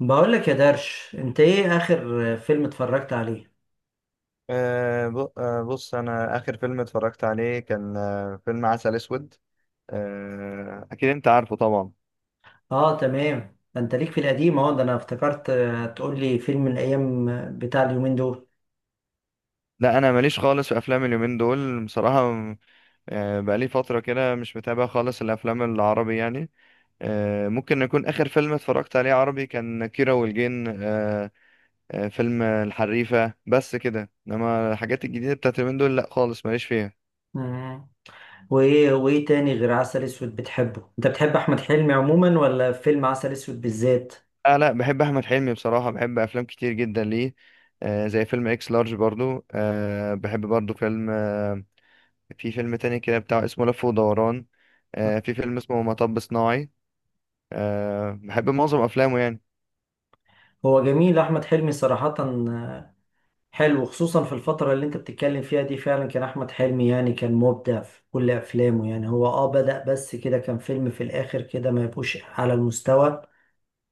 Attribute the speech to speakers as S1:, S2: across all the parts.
S1: بقولك يا درش، انت ايه اخر فيلم اتفرجت عليه؟
S2: أه ب- آه، بص، انا اخر فيلم اتفرجت عليه كان فيلم عسل اسود. أه، اكيد انت عارفه طبعا.
S1: اه تمام، ده انت ليك في القديم، اهو ده انا افتكرت تقولي فيلم من الايام، بتاع اليومين دول.
S2: لا، انا ماليش خالص في افلام اليومين دول بصراحه. بقالي فتره كده مش متابع خالص الافلام العربي يعني. ممكن يكون اخر فيلم اتفرجت عليه عربي كان كيرة والجن. أه أه فيلم الحريفه، بس كده انما الحاجات الجديده بتاعت اليومين دول لا خالص ماليش فيها.
S1: مم. وايه تاني غير عسل اسود بتحبه؟ انت بتحب احمد حلمي عموما ولا فيلم عسل اسود بالذات؟
S2: لا لا، بحب احمد حلمي بصراحه، بحب افلام كتير جدا ليه. زي فيلم اكس لارج برضو، بحب برضو فيلم. في فيلم تاني كده بتاع اسمه لف ودوران. في فيلم اسمه مطب صناعي. بحب معظم افلامه يعني.
S1: هو جميل احمد حلمي صراحة، حلو. خصوصا في الفترة اللي انت بتتكلم فيها دي، فعلا كان احمد حلمي يعني كان مبدع في كل افلامه. يعني هو بدأ، بس كده كان فيلم في الاخر كده ما يبقوش على المستوى.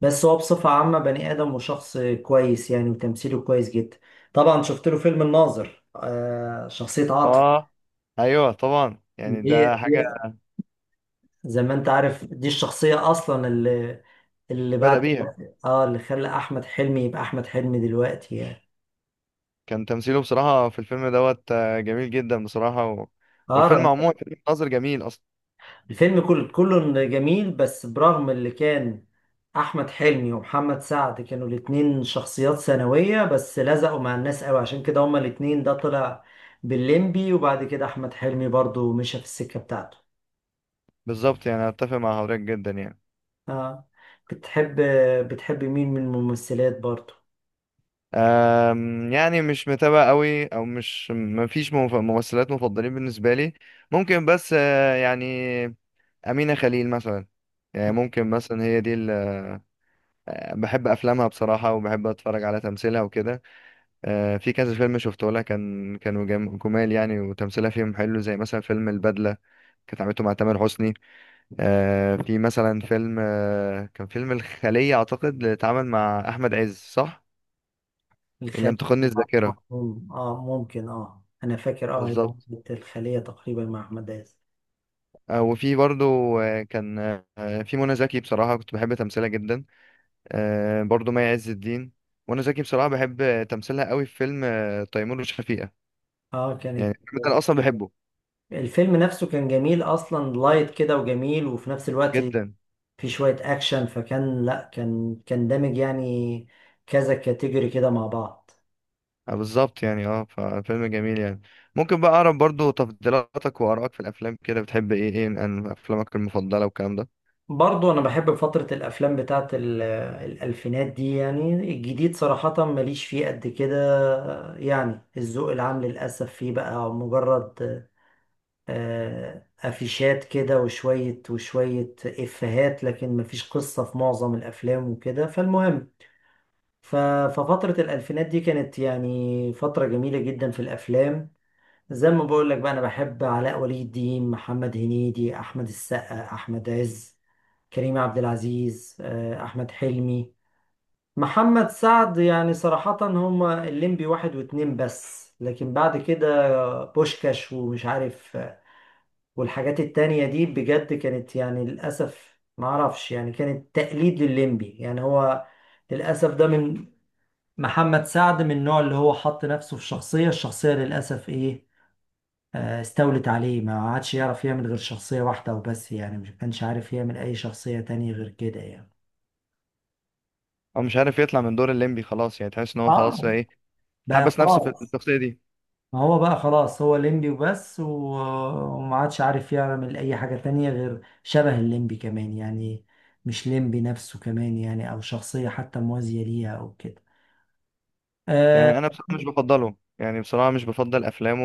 S1: بس هو بصفة عامة بني آدم وشخص كويس يعني، وتمثيله كويس جدا. طبعا شفت له فيلم الناظر، آه شخصية عاطف.
S2: اه، ايوه طبعا، يعني
S1: دي
S2: ده حاجه
S1: دي- زي ما انت عارف، دي الشخصية أصلا اللي اللي بعد،
S2: بدأ بيها.
S1: اه اللي خلى أحمد حلمي يبقى أحمد حلمي دلوقتي يعني.
S2: كان تمثيله بصراحه في الفيلم دوت جميل جدا بصراحه. والفيلم
S1: اه
S2: عموما فيلم ناظر جميل اصلا.
S1: الفيلم كله جميل، بس برغم اللي كان، احمد حلمي ومحمد سعد كانوا الاتنين شخصيات ثانوية بس لزقوا مع الناس قوي، عشان كده هما الاتنين ده طلع بالليمبي، وبعد كده احمد حلمي برضو مشى في السكة بتاعته.
S2: بالظبط، يعني اتفق مع حضرتك جدا يعني.
S1: اه. بتحب بتحب مين من الممثلات برضو؟
S2: يعني مش متابع قوي او مش ممثلات مفضلين بالنسبه لي. ممكن بس، يعني امينه خليل مثلا. يعني ممكن مثلا هي دي اللي بحب افلامها بصراحه، وبحب اتفرج على تمثيلها وكده. في كذا فيلم شفته لها كانوا جمال يعني، وتمثيلها فيهم حلو زي مثلا فيلم البدله كانت عملته مع تامر حسني. في مثلا فيلم، كان فيلم الخليه اعتقد اللي اتعمل مع احمد عز، صح؟ ان لم
S1: الخلية.
S2: تخني
S1: اه،
S2: الذاكره.
S1: ممكن اه انا فاكر اه هي
S2: بالظبط.
S1: كانت الخلية تقريبا مع احمد عز.
S2: وفي برضو، آه، كان آه، في منى زكي، بصراحة كنت بحب تمثيلها جدا. برضو مي عز الدين. منى زكي بصراحة بحب تمثيلها قوي في فيلم تيمور وشفيقة.
S1: اه كانت
S2: يعني الفيلم ده أنا أصلا بحبه
S1: الفيلم نفسه كان جميل اصلا، لايت كده وجميل، وفي نفس الوقت
S2: جدا.
S1: في شوية أكشن، فكان لأ كان كان دامج يعني، كذا كاتيجوري كده مع بعض.
S2: بالظبط، يعني ففيلم جميل يعني. ممكن بقى أعرف برضو تفضيلاتك وآرائك في الأفلام؟ كده بتحب إيه، إيه عن أفلامك المفضلة والكلام ده؟
S1: برضو أنا بحب فترة الأفلام بتاعت الألفينات دي، يعني الجديد صراحة ماليش فيه قد كده. يعني الذوق العام للأسف فيه بقى مجرد أفيشات كده، وشوية وشوية إفيهات، لكن مفيش قصة في معظم الأفلام وكده. فالمهم، ف- ففترة الألفينات دي كانت يعني فترة جميلة جدا في الأفلام. زي ما بقول لك بقى، انا بحب علاء ولي الدين، محمد هنيدي، احمد السقا، احمد عز، كريم عبد العزيز، احمد حلمي، محمد سعد. يعني صراحة هما الليمبي واحد واتنين بس، لكن بعد كده بوشكاش ومش عارف والحاجات التانية دي بجد كانت يعني للأسف معرفش، يعني كانت تقليد للليمبي يعني. هو للأسف ده من، محمد سعد من النوع اللي هو حط نفسه في شخصية، الشخصية للأسف ايه، استولت عليه، ما عادش يعرف يعمل غير شخصية واحدة وبس يعني، مش كانش عارف يعمل أي شخصية تانية غير كده يعني.
S2: أو مش عارف يطلع من دور الليمبي خلاص، يعني تحس إن هو خلاص
S1: اه
S2: إيه،
S1: بقى
S2: حبس نفسه في
S1: خلاص.
S2: الشخصية دي.
S1: ما هو بقى خلاص هو الليمبي وبس، وما عادش عارف يعمل أي حاجة تانية غير شبه الليمبي كمان يعني، مش ليمبي نفسه كمان يعني، أو شخصية حتى موازية ليها أو كده. آه،
S2: يعني أنا بصراحة مش بفضله، يعني بصراحة مش بفضل أفلامه.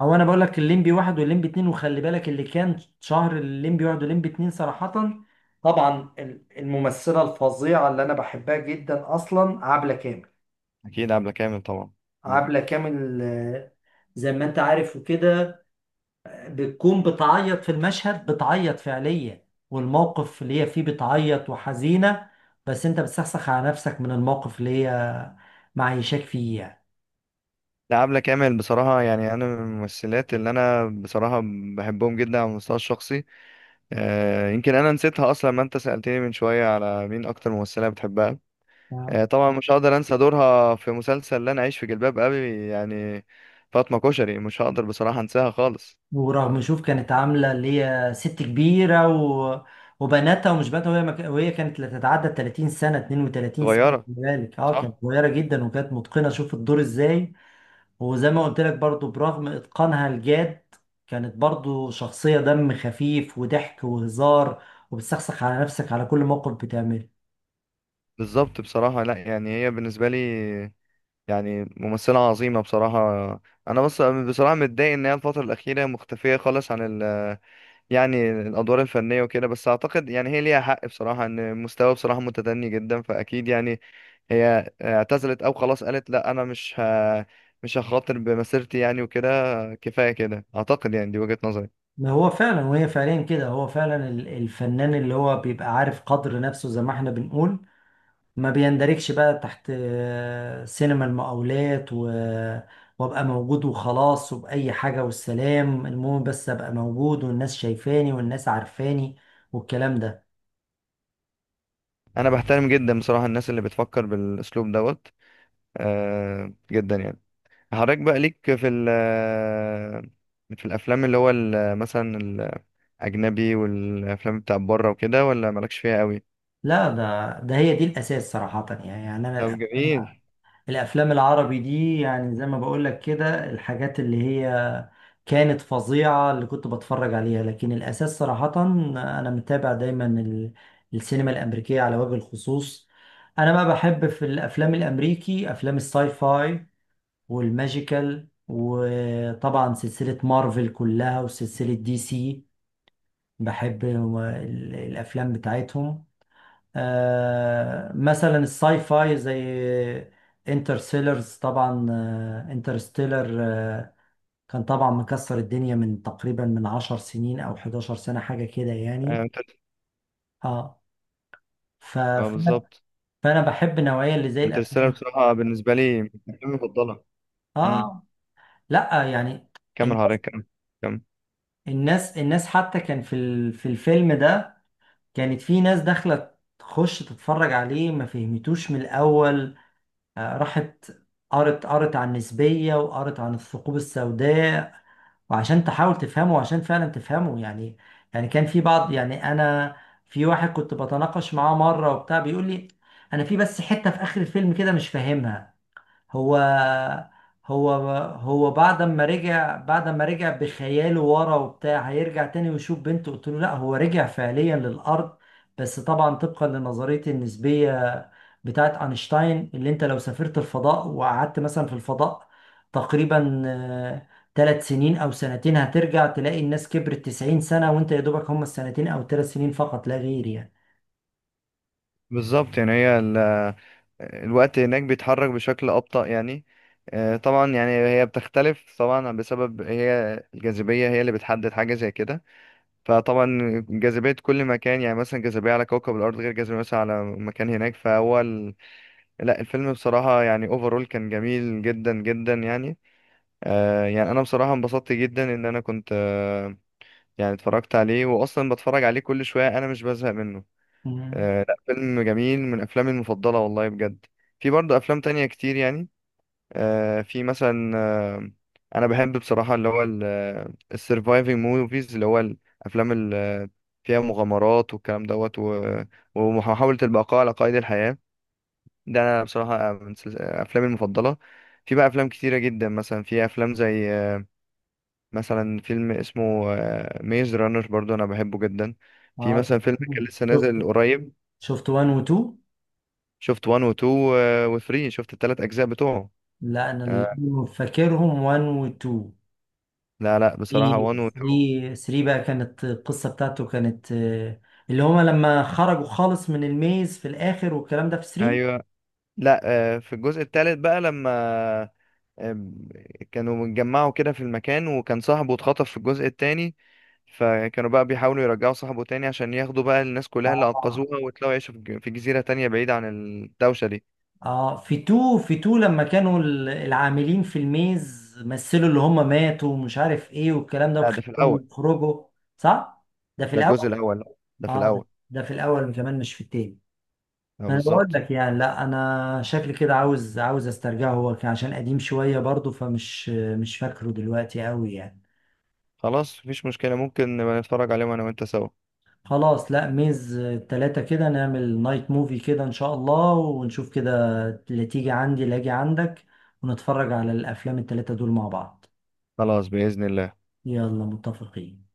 S1: هو انا بقول لك الليمبي واحد والليمبي اتنين، وخلي بالك اللي كان شهر الليمبي واحد والليمبي اتنين صراحة، طبعا الممثلة الفظيعة اللي انا بحبها جدا اصلا، عبلة كامل.
S2: اكيد عبلة كامل طبعا. مم.
S1: عبلة كامل زي ما انت عارف وكده، بتكون بتعيط في المشهد، بتعيط فعليا، والموقف اللي هي فيه بتعيط وحزينة، بس انت بتسخسخ على نفسك من الموقف اللي هي معيشاك فيه
S2: لا، عبلة كامل بصراحة، يعني انا من الممثلات اللي انا بصراحة بحبهم جدا على المستوى الشخصي. يمكن انا نسيتها اصلا، ما انت سألتني من شوية على مين اكتر ممثلة بتحبها.
S1: يعني.
S2: آه، طبعا مش هقدر انسى دورها في مسلسل لا انا عايش في جلباب ابي يعني. فاطمة كشري مش هقدر بصراحة انساها خالص.
S1: ورغم، شوف، كانت عاملة اللي هي ست كبيرة و... وبناتها ومش بناتها، وهي مك... وهي كانت لا تتعدى ال 30 سنة، 32 سنة،
S2: صغيرة،
S1: خلي بالك اه كانت
S2: صح.
S1: صغيرة جدا، وكانت متقنة، شوف الدور ازاي. وزي ما قلت لك برضو، برغم إتقانها الجاد، كانت برضو شخصية دم خفيف وضحك وهزار، وبتسخسخ على نفسك على كل موقف بتعمله.
S2: بالظبط بصراحة. لا، يعني هي بالنسبة لي، يعني ممثلة عظيمة بصراحة. انا بس بصراحة متضايق ان هي الفترة الأخيرة مختفية خالص عن ال يعني الادوار الفنيه وكده، بس اعتقد يعني هي ليها حق بصراحه ان مستوى بصراحه متدني جدا، فاكيد يعني هي اعتزلت او خلاص قالت لا، انا مش هخاطر بمسيرتي يعني وكده. كفايه كده اعتقد، يعني دي وجهه نظري.
S1: ما هو فعلا، وهي فعليا كده هو فعلا الفنان اللي هو بيبقى عارف قدر نفسه زي ما احنا بنقول، ما بيندركش بقى تحت سينما المقاولات و... وابقى موجود وخلاص، وبأي حاجة والسلام، المهم بس ابقى موجود والناس شايفاني والناس عارفاني والكلام ده.
S2: انا بحترم جدا بصراحه الناس اللي بتفكر بالاسلوب دوت، جدا يعني. حضرتك بقى ليك في في الافلام اللي هو مثلا الاجنبي، والافلام بتاع بره وكده، ولا مالكش فيها قوي؟
S1: لا ده هي دي الأساس صراحة يعني أنا
S2: طب
S1: الأفلام،
S2: جميل.
S1: الافلام العربي دي يعني زي ما بقول لك كده، الحاجات اللي هي كانت فظيعة اللي كنت بتفرج عليها، لكن الاساس صراحة انا متابع دايما السينما الامريكية على وجه الخصوص. انا بقى بحب في الافلام الامريكي افلام الساي فاي، والماجيكال، وطبعا سلسلة مارفل كلها، وسلسلة دي سي. بحب الافلام بتاعتهم. مثلا الساي فاي زي انترستيلرز طبعا، انترستيلر كان طبعا مكسر الدنيا من تقريبا من عشر سنين او 11 سنة حاجة كده
S2: اه،
S1: يعني. اه ف...
S2: آه،
S1: فانا
S2: بالظبط.
S1: فأنا بحب النوعية اللي زي
S2: انترستيلر
S1: الافلام.
S2: بصراحة بالنسبة لي من أفلامي المفضلة. امم.
S1: اه لا يعني،
S2: كمل حضرتك، كمل. كمل.
S1: الناس حتى، كان في في الفيلم ده كانت في ناس داخله تخش تتفرج عليه ما فهمتوش من الاول، راحت قرت عن النسبية، وقرت عن الثقوب السوداء، وعشان تحاول تفهمه، وعشان فعلا تفهمه يعني. يعني كان في بعض يعني أنا، في واحد كنت بتناقش معاه مرة وبتاع بيقول لي، أنا في بس حتة في آخر الفيلم كده مش فاهمها، هو هو هو بعد ما رجع، بخياله ورا، وبتاع هيرجع تاني ويشوف بنته. قلت له لا، هو رجع فعليا للأرض، بس طبعا طبقا لنظرية النسبية بتاعت أينشتاين، اللي انت لو سافرت الفضاء وقعدت مثلا في الفضاء تقريبا ثلاث سنين أو سنتين، هترجع تلاقي الناس كبرت 90 سنة، وانت يا دوبك هم السنتين أو ثلاث سنين فقط لا غير يعني.
S2: بالظبط، يعني الوقت هناك بيتحرك بشكل أبطأ يعني. آه طبعا، يعني هي بتختلف طبعا بسبب هي الجاذبية، هي اللي بتحدد حاجة زي كده. فطبعا جاذبية كل مكان يعني مثلا جاذبية على كوكب الأرض غير جاذبية مثلا على مكان هناك، لا، الفيلم بصراحة يعني اوفرول كان جميل جدا جدا يعني. يعني أنا بصراحة انبسطت جدا إن أنا كنت، يعني اتفرجت عليه، واصلا بتفرج عليه كل شويه، انا مش بزهق منه.
S1: مم.
S2: لا، فيلم جميل من افلامي المفضله والله بجد. في برضه افلام تانية كتير يعني. آه في مثلا آه انا بحب بصراحه اللي هو السرفايفنج موفيز، اللي هو الافلام اللي فيها مغامرات والكلام دوت، ومحاوله البقاء على قيد الحياه، ده انا بصراحه من افلامي المفضله. في بقى افلام كتيره جدا، مثلا في افلام زي مثلا فيلم اسمه ميز رانر برضو انا بحبه جدا. في
S1: اه
S2: مثلا فيلم كان لسه
S1: شفت،
S2: نازل قريب،
S1: شفت 1 و 2.
S2: شفت 1 و 2 و 3، شفت الثلاث اجزاء بتوعه.
S1: لا انا اللي
S2: آه،
S1: فاكرهم 1 و 2.
S2: لا لا، بصراحة 1
S1: 3،
S2: و 2،
S1: 3 بقى كانت القصه بتاعته كانت، اللي هما لما خرجوا خالص من الميز في الاخر والكلام ده في 3.
S2: ايوه. لا، في الجزء الثالث بقى لما آه، كانوا متجمعوا كده في المكان، وكان صاحبه اتخطف في الجزء الثاني، فكانوا بقى بيحاولوا يرجعوا صاحبه تاني عشان ياخدوا بقى الناس كلها اللي
S1: اه
S2: انقذوها ويطلعوا يعيشوا في في جزيرة تانية بعيدة عن الدوشة دي.
S1: اه في 2، لما كانوا العاملين في الميز مثلوا اللي هما ماتوا ومش عارف ايه والكلام ده
S2: لا، ده في
S1: وخلوهم
S2: الاول.
S1: يخرجوا. صح، ده في
S2: ده الجزء
S1: الاول.
S2: الاول، لا ده في
S1: اه ده
S2: الاول.
S1: في الاول كمان مش في التاني.
S2: آه،
S1: انا بقول
S2: بالظبط.
S1: لك يعني، لا انا شكلي كده عاوز، استرجعه، هو كان عشان قديم شويه برضه، فمش مش فاكره دلوقتي قوي يعني.
S2: خلاص، مفيش مشكلة، ممكن نبقى نتفرج عليهم أنا وأنت سوا.
S1: خلاص، لا ميز التلاتة كده نعمل نايت موفي كده ان شاء الله ونشوف كده، اللي تيجي عندي اللي اجي عندك، ونتفرج على الافلام التلاتة دول مع بعض.
S2: خلاص، بإذن الله.
S1: يلا متفقين.